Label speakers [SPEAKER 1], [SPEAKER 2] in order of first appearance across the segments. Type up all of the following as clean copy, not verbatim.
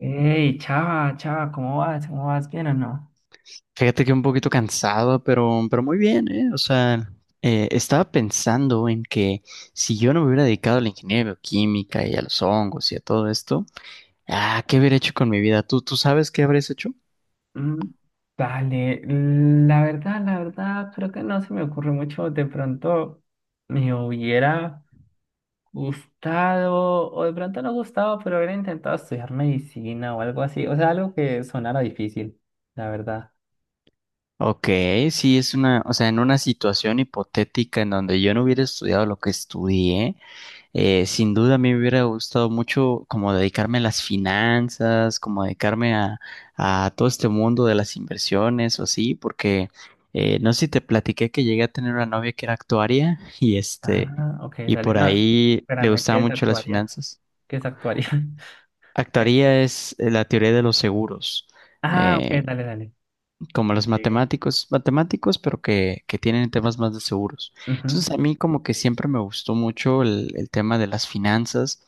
[SPEAKER 1] Hey, chava, chava, ¿cómo vas? ¿Cómo vas? ¿Bien o no?
[SPEAKER 2] Fíjate que un poquito cansado, pero muy bien, ¿eh? O sea, estaba pensando en que si yo no me hubiera dedicado a la ingeniería bioquímica y a los hongos y a todo esto, ah, ¿qué hubiera hecho con mi vida? ¿Tú sabes qué habrías hecho?
[SPEAKER 1] Mm. Dale, la verdad, creo que no se me ocurre mucho. De pronto me hubiera gustado, o de pronto no gustado, pero hubiera intentado estudiar medicina o algo así. O sea, algo que sonara difícil, la verdad.
[SPEAKER 2] Ok, sí, es una, o sea, en una situación hipotética en donde yo no hubiera estudiado lo que estudié, sin duda a mí me hubiera gustado mucho como dedicarme a las finanzas, como dedicarme a todo este mundo de las inversiones o así, porque no sé si te platiqué que llegué a tener una novia que era actuaria y este,
[SPEAKER 1] Ah, ok,
[SPEAKER 2] y
[SPEAKER 1] dale.
[SPEAKER 2] por
[SPEAKER 1] No,
[SPEAKER 2] ahí le
[SPEAKER 1] espérame, ¿qué
[SPEAKER 2] gustaban
[SPEAKER 1] es
[SPEAKER 2] mucho las
[SPEAKER 1] actuaria?
[SPEAKER 2] finanzas.
[SPEAKER 1] ¿Qué es actuaria? Eh,
[SPEAKER 2] Actuaría es la teoría de los seguros.
[SPEAKER 1] ok,
[SPEAKER 2] eh,
[SPEAKER 1] dale, dale.
[SPEAKER 2] Como los
[SPEAKER 1] Sigue.
[SPEAKER 2] matemáticos, matemáticos, pero que tienen temas más de seguros. Entonces, a mí como que siempre me gustó mucho el tema de las finanzas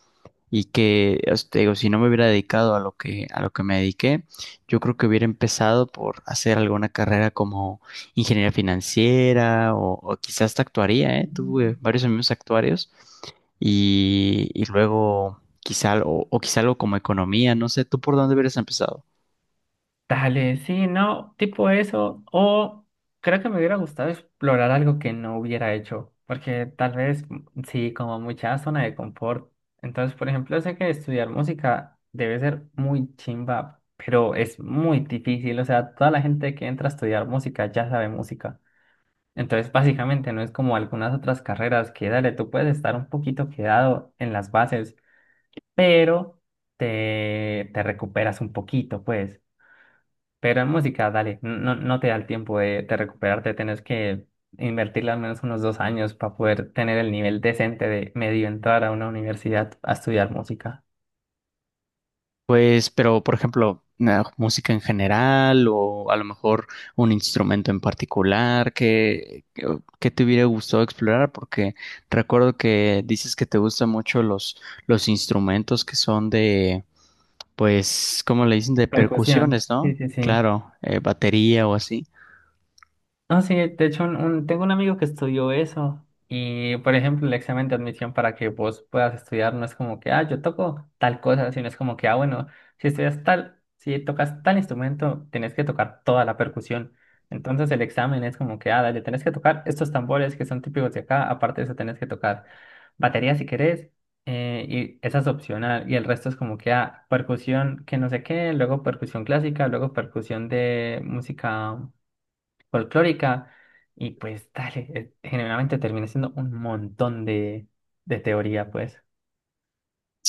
[SPEAKER 2] y que, o sea, te digo, si no me hubiera dedicado a lo que me dediqué, yo creo que hubiera empezado por hacer alguna carrera como ingeniería financiera o quizás hasta actuaría, ¿eh?
[SPEAKER 1] Ujú.
[SPEAKER 2] Tuve varios amigos actuarios y luego quizá, o quizá algo como economía, no sé, ¿tú por dónde hubieras empezado?
[SPEAKER 1] Dale, sí, no, tipo eso. O creo que me hubiera gustado explorar algo que no hubiera hecho, porque tal vez sí, como mucha zona de confort. Entonces, por ejemplo, sé que estudiar música debe ser muy chimba, pero es muy difícil. O sea, toda la gente que entra a estudiar música ya sabe música. Entonces, básicamente no es como algunas otras carreras que, dale, tú puedes estar un poquito quedado en las bases, pero te recuperas un poquito, pues. Pero en música, dale, no, no te da el tiempo de recuperarte, tenés que invertirle al menos unos 2 años para poder tener el nivel decente de medio entrar a una universidad a estudiar música.
[SPEAKER 2] Pues, pero por ejemplo, música en general o a lo mejor un instrumento en particular que te hubiera gustado explorar, porque recuerdo que dices que te gustan mucho los instrumentos que son de, pues, ¿cómo le dicen? De
[SPEAKER 1] Percusión,
[SPEAKER 2] percusiones,
[SPEAKER 1] sí,
[SPEAKER 2] ¿no?
[SPEAKER 1] sí, sí.
[SPEAKER 2] Claro, batería o así.
[SPEAKER 1] No, sí, de hecho tengo un amigo que estudió eso y, por ejemplo, el examen de admisión para que vos puedas estudiar no es como que, ah, yo toco tal cosa, sino es como que, ah, bueno, si estudias tal, si tocas tal instrumento, tenés que tocar toda la percusión. Entonces el examen es como que, ah, dale, tenés que tocar estos tambores que son típicos de acá, aparte de eso tenés que tocar batería si querés, y esa es opcional, y el resto es como que, ah, percusión que no sé qué, luego percusión clásica, luego percusión de música folclórica y pues dale, generalmente termina siendo un montón de teoría, pues.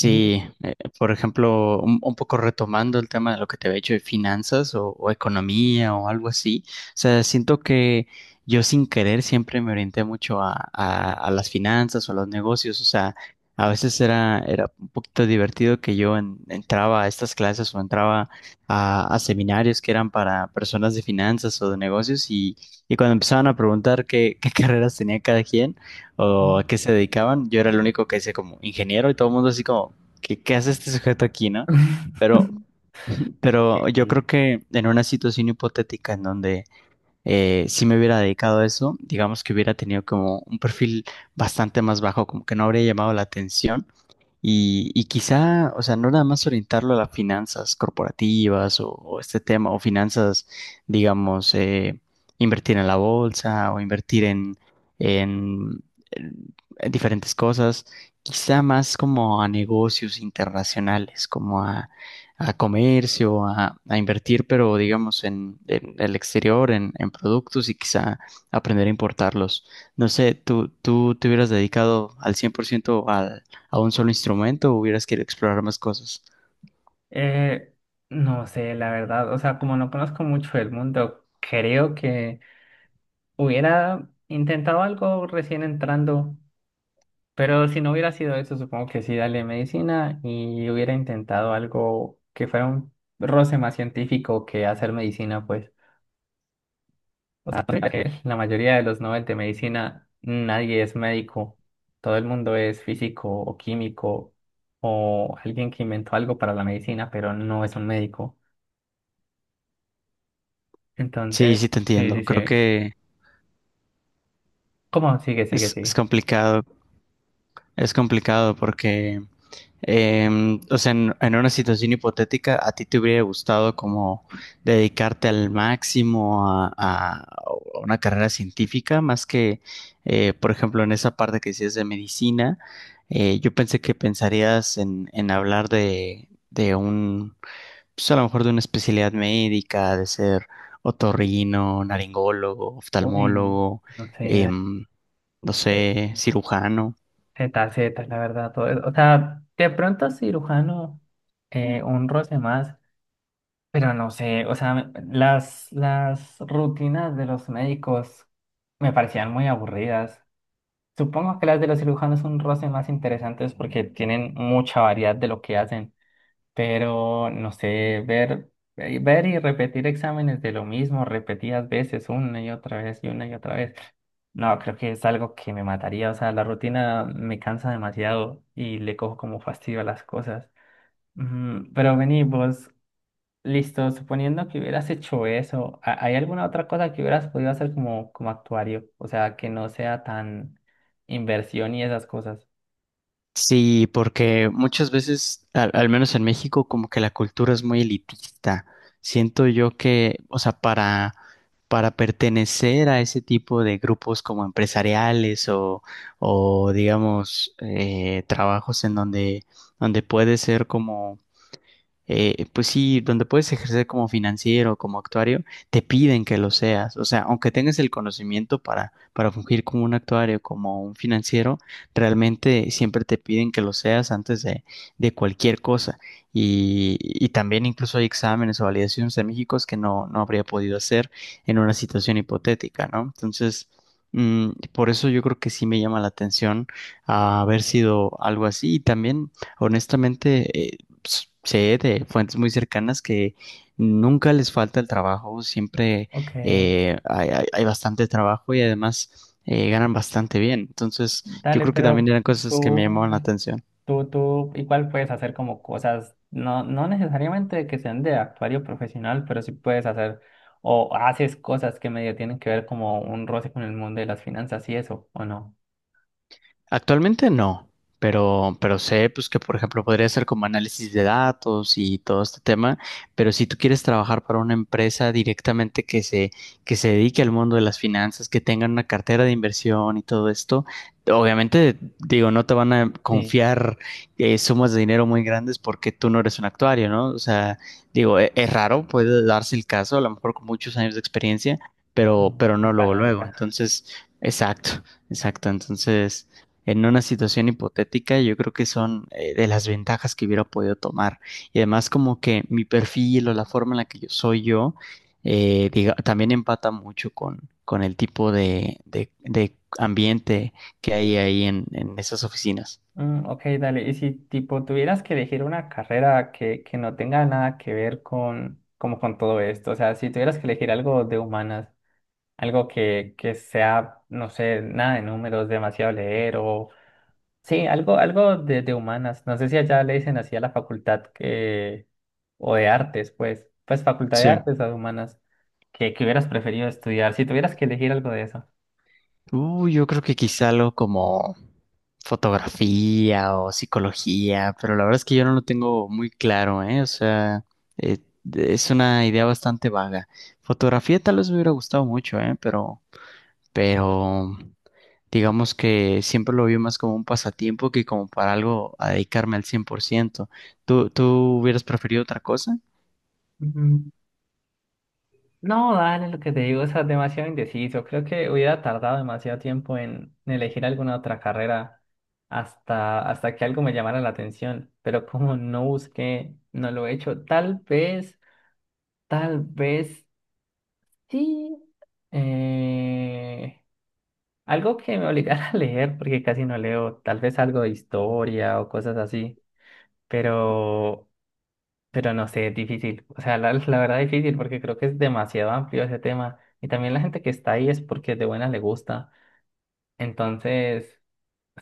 [SPEAKER 1] Y...
[SPEAKER 2] por ejemplo, un poco retomando el tema de lo que te había dicho de finanzas o economía o algo así, o sea, siento que yo sin querer siempre me orienté mucho a las finanzas o a los negocios, o sea, a veces era un poquito divertido que yo entraba a estas clases o entraba a seminarios que eran para personas de finanzas o de negocios y cuando empezaban a preguntar qué, qué carreras tenía cada quien o a qué se dedicaban. Yo era el único que hice como ingeniero y todo el mundo así como, ¿qué hace este sujeto aquí, no? Pero,
[SPEAKER 1] Ok,
[SPEAKER 2] pero yo
[SPEAKER 1] sí.
[SPEAKER 2] creo que en una situación hipotética en donde sí me hubiera dedicado a eso, digamos que hubiera tenido como un perfil bastante más bajo, como que no habría llamado la atención y quizá, o sea, no nada más orientarlo a las finanzas corporativas o este tema, o finanzas, digamos, invertir en la bolsa o invertir en, en- en diferentes cosas, quizá más como a negocios internacionales, como a comercio, a invertir, pero digamos, en el exterior, en productos y quizá aprender a importarlos. No sé, ¿tú te hubieras dedicado al 100% al a un solo instrumento o hubieras querido explorar más cosas?
[SPEAKER 1] Eh, no sé, la verdad, o sea, como no conozco mucho el mundo, creo que hubiera intentado algo recién entrando, pero si no hubiera sido eso, supongo que sí, dale medicina y hubiera intentado algo que fuera un roce más científico que hacer medicina, pues. O sea, mira que la mayoría de los Nobel de medicina, nadie es médico. Todo el mundo es físico o químico o alguien que inventó algo para la medicina, pero no es un médico.
[SPEAKER 2] Sí,
[SPEAKER 1] Entonces,
[SPEAKER 2] sí te
[SPEAKER 1] sí,
[SPEAKER 2] entiendo.
[SPEAKER 1] sí,
[SPEAKER 2] Creo
[SPEAKER 1] sí.
[SPEAKER 2] que
[SPEAKER 1] ¿Cómo? Sigue, sigue,
[SPEAKER 2] es
[SPEAKER 1] sigue.
[SPEAKER 2] complicado, es complicado porque, o sea, en una situación hipotética, a ti te hubiera gustado como dedicarte al máximo a una carrera científica, más que, por ejemplo, en esa parte que decías de medicina, yo pensé que pensarías en hablar de un pues a lo mejor de una especialidad médica, de ser otorrino, naringólogo,
[SPEAKER 1] Uy,
[SPEAKER 2] oftalmólogo,
[SPEAKER 1] no sé,
[SPEAKER 2] em, no
[SPEAKER 1] eh,
[SPEAKER 2] sé, cirujano.
[SPEAKER 1] Z, Z, la verdad, todo eso. O sea, de pronto cirujano, un roce más, pero no sé, o sea, las rutinas de los médicos me parecían muy aburridas. Supongo que las de los cirujanos son roces más interesantes porque tienen mucha variedad de lo que hacen, pero no sé, ver, ver y repetir exámenes de lo mismo repetidas veces, una y otra vez y una y otra vez. No, creo que es algo que me mataría, o sea, la rutina me cansa demasiado y le cojo como fastidio a las cosas. Mm, pero vení, vos, listo, suponiendo que hubieras hecho eso, ¿hay alguna otra cosa que hubieras podido hacer como, como actuario? O sea, que no sea tan inversión y esas cosas.
[SPEAKER 2] Sí, porque muchas veces, al menos en México, como que la cultura es muy elitista. Siento yo que, o sea, para pertenecer a ese tipo de grupos como empresariales o digamos, trabajos en donde puede ser como pues sí, donde puedes ejercer como financiero, como actuario, te piden que lo seas. O sea, aunque tengas el conocimiento para fungir como un actuario, como un financiero, realmente siempre te piden que lo seas antes de cualquier cosa. Y también incluso hay exámenes o validaciones en México que no habría podido hacer en una situación hipotética, ¿no? Entonces, por eso yo creo que sí me llama la atención haber sido algo así. Y también, honestamente, pues, sé de fuentes muy cercanas que nunca les falta el trabajo, siempre
[SPEAKER 1] Ok,
[SPEAKER 2] hay bastante trabajo y además ganan bastante bien. Entonces, yo
[SPEAKER 1] dale,
[SPEAKER 2] creo que
[SPEAKER 1] pero
[SPEAKER 2] también eran cosas que me
[SPEAKER 1] tú,
[SPEAKER 2] llamaban la atención.
[SPEAKER 1] tú igual puedes hacer como cosas, no, no necesariamente que sean de actuario profesional, pero sí puedes hacer o haces cosas que medio tienen que ver como un roce con el mundo de las finanzas y eso, ¿o no?
[SPEAKER 2] Actualmente no, pero sé pues que por ejemplo podría ser como análisis de datos y todo este tema, pero si tú quieres trabajar para una empresa directamente que se dedique al mundo de las finanzas, que tengan una cartera de inversión y todo esto, obviamente digo, no te van a
[SPEAKER 1] Sí,
[SPEAKER 2] confiar sumas de dinero muy grandes porque tú no eres un actuario, ¿no? O sea, digo, es, raro, puede darse el caso, a lo mejor con muchos años de experiencia, pero
[SPEAKER 1] mm,
[SPEAKER 2] no luego, luego.
[SPEAKER 1] palanca.
[SPEAKER 2] Entonces, exacto. Exacto, entonces en una situación hipotética, yo creo que son de las ventajas que hubiera podido tomar. Y además como que mi perfil o la forma en la que yo soy yo, también empata mucho con el tipo de ambiente que hay ahí en esas oficinas.
[SPEAKER 1] Mm, ok, dale. Y si tipo tuvieras que elegir una carrera que no tenga nada que ver con, como con todo esto, o sea, si tuvieras que elegir algo de humanas, algo que sea, no sé, nada de números, demasiado leer o... Sí, algo, algo de humanas. No sé si allá le dicen así a la facultad que... o de artes, pues, pues facultad de
[SPEAKER 2] Sí.
[SPEAKER 1] artes o de humanas, que hubieras preferido estudiar, si tuvieras que elegir algo de eso.
[SPEAKER 2] Yo creo que quizá algo como fotografía o psicología, pero la verdad es que yo no lo tengo muy claro, ¿eh? O sea, eh, es una idea bastante vaga. Fotografía tal vez me hubiera gustado mucho, ¿eh? Pero digamos que siempre lo vi más como un pasatiempo que como para algo a dedicarme al 100%. ¿Tú hubieras preferido otra cosa?
[SPEAKER 1] No, dale, lo que te digo, es demasiado indeciso. Creo que hubiera tardado demasiado tiempo en elegir alguna otra carrera hasta, hasta que algo me llamara la atención. Pero como no busqué, no lo he hecho. Tal vez sí. eh, Algo que me obligara a leer, porque casi no leo. Tal vez algo de historia o cosas así. Pero Pero no sé, es difícil. O sea, la verdad es difícil porque creo que es demasiado amplio ese tema. Y también la gente que está ahí es porque de buena le gusta. Entonces,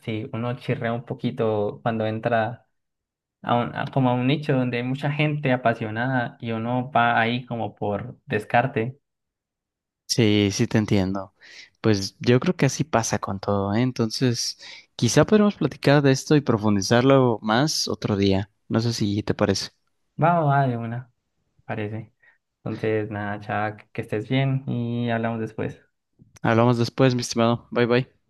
[SPEAKER 1] sí, uno chirrea un poquito cuando entra a un, como a un nicho donde hay mucha gente apasionada y uno va ahí como por descarte.
[SPEAKER 2] Sí, sí te entiendo. Pues yo creo que así pasa con todo, ¿eh? Entonces, quizá podremos platicar de esto y profundizarlo más otro día. No sé si te parece.
[SPEAKER 1] Va o va de una, parece. Entonces, nada, Chuck, que estés bien y hablamos después.
[SPEAKER 2] Hablamos después, mi estimado. Bye bye.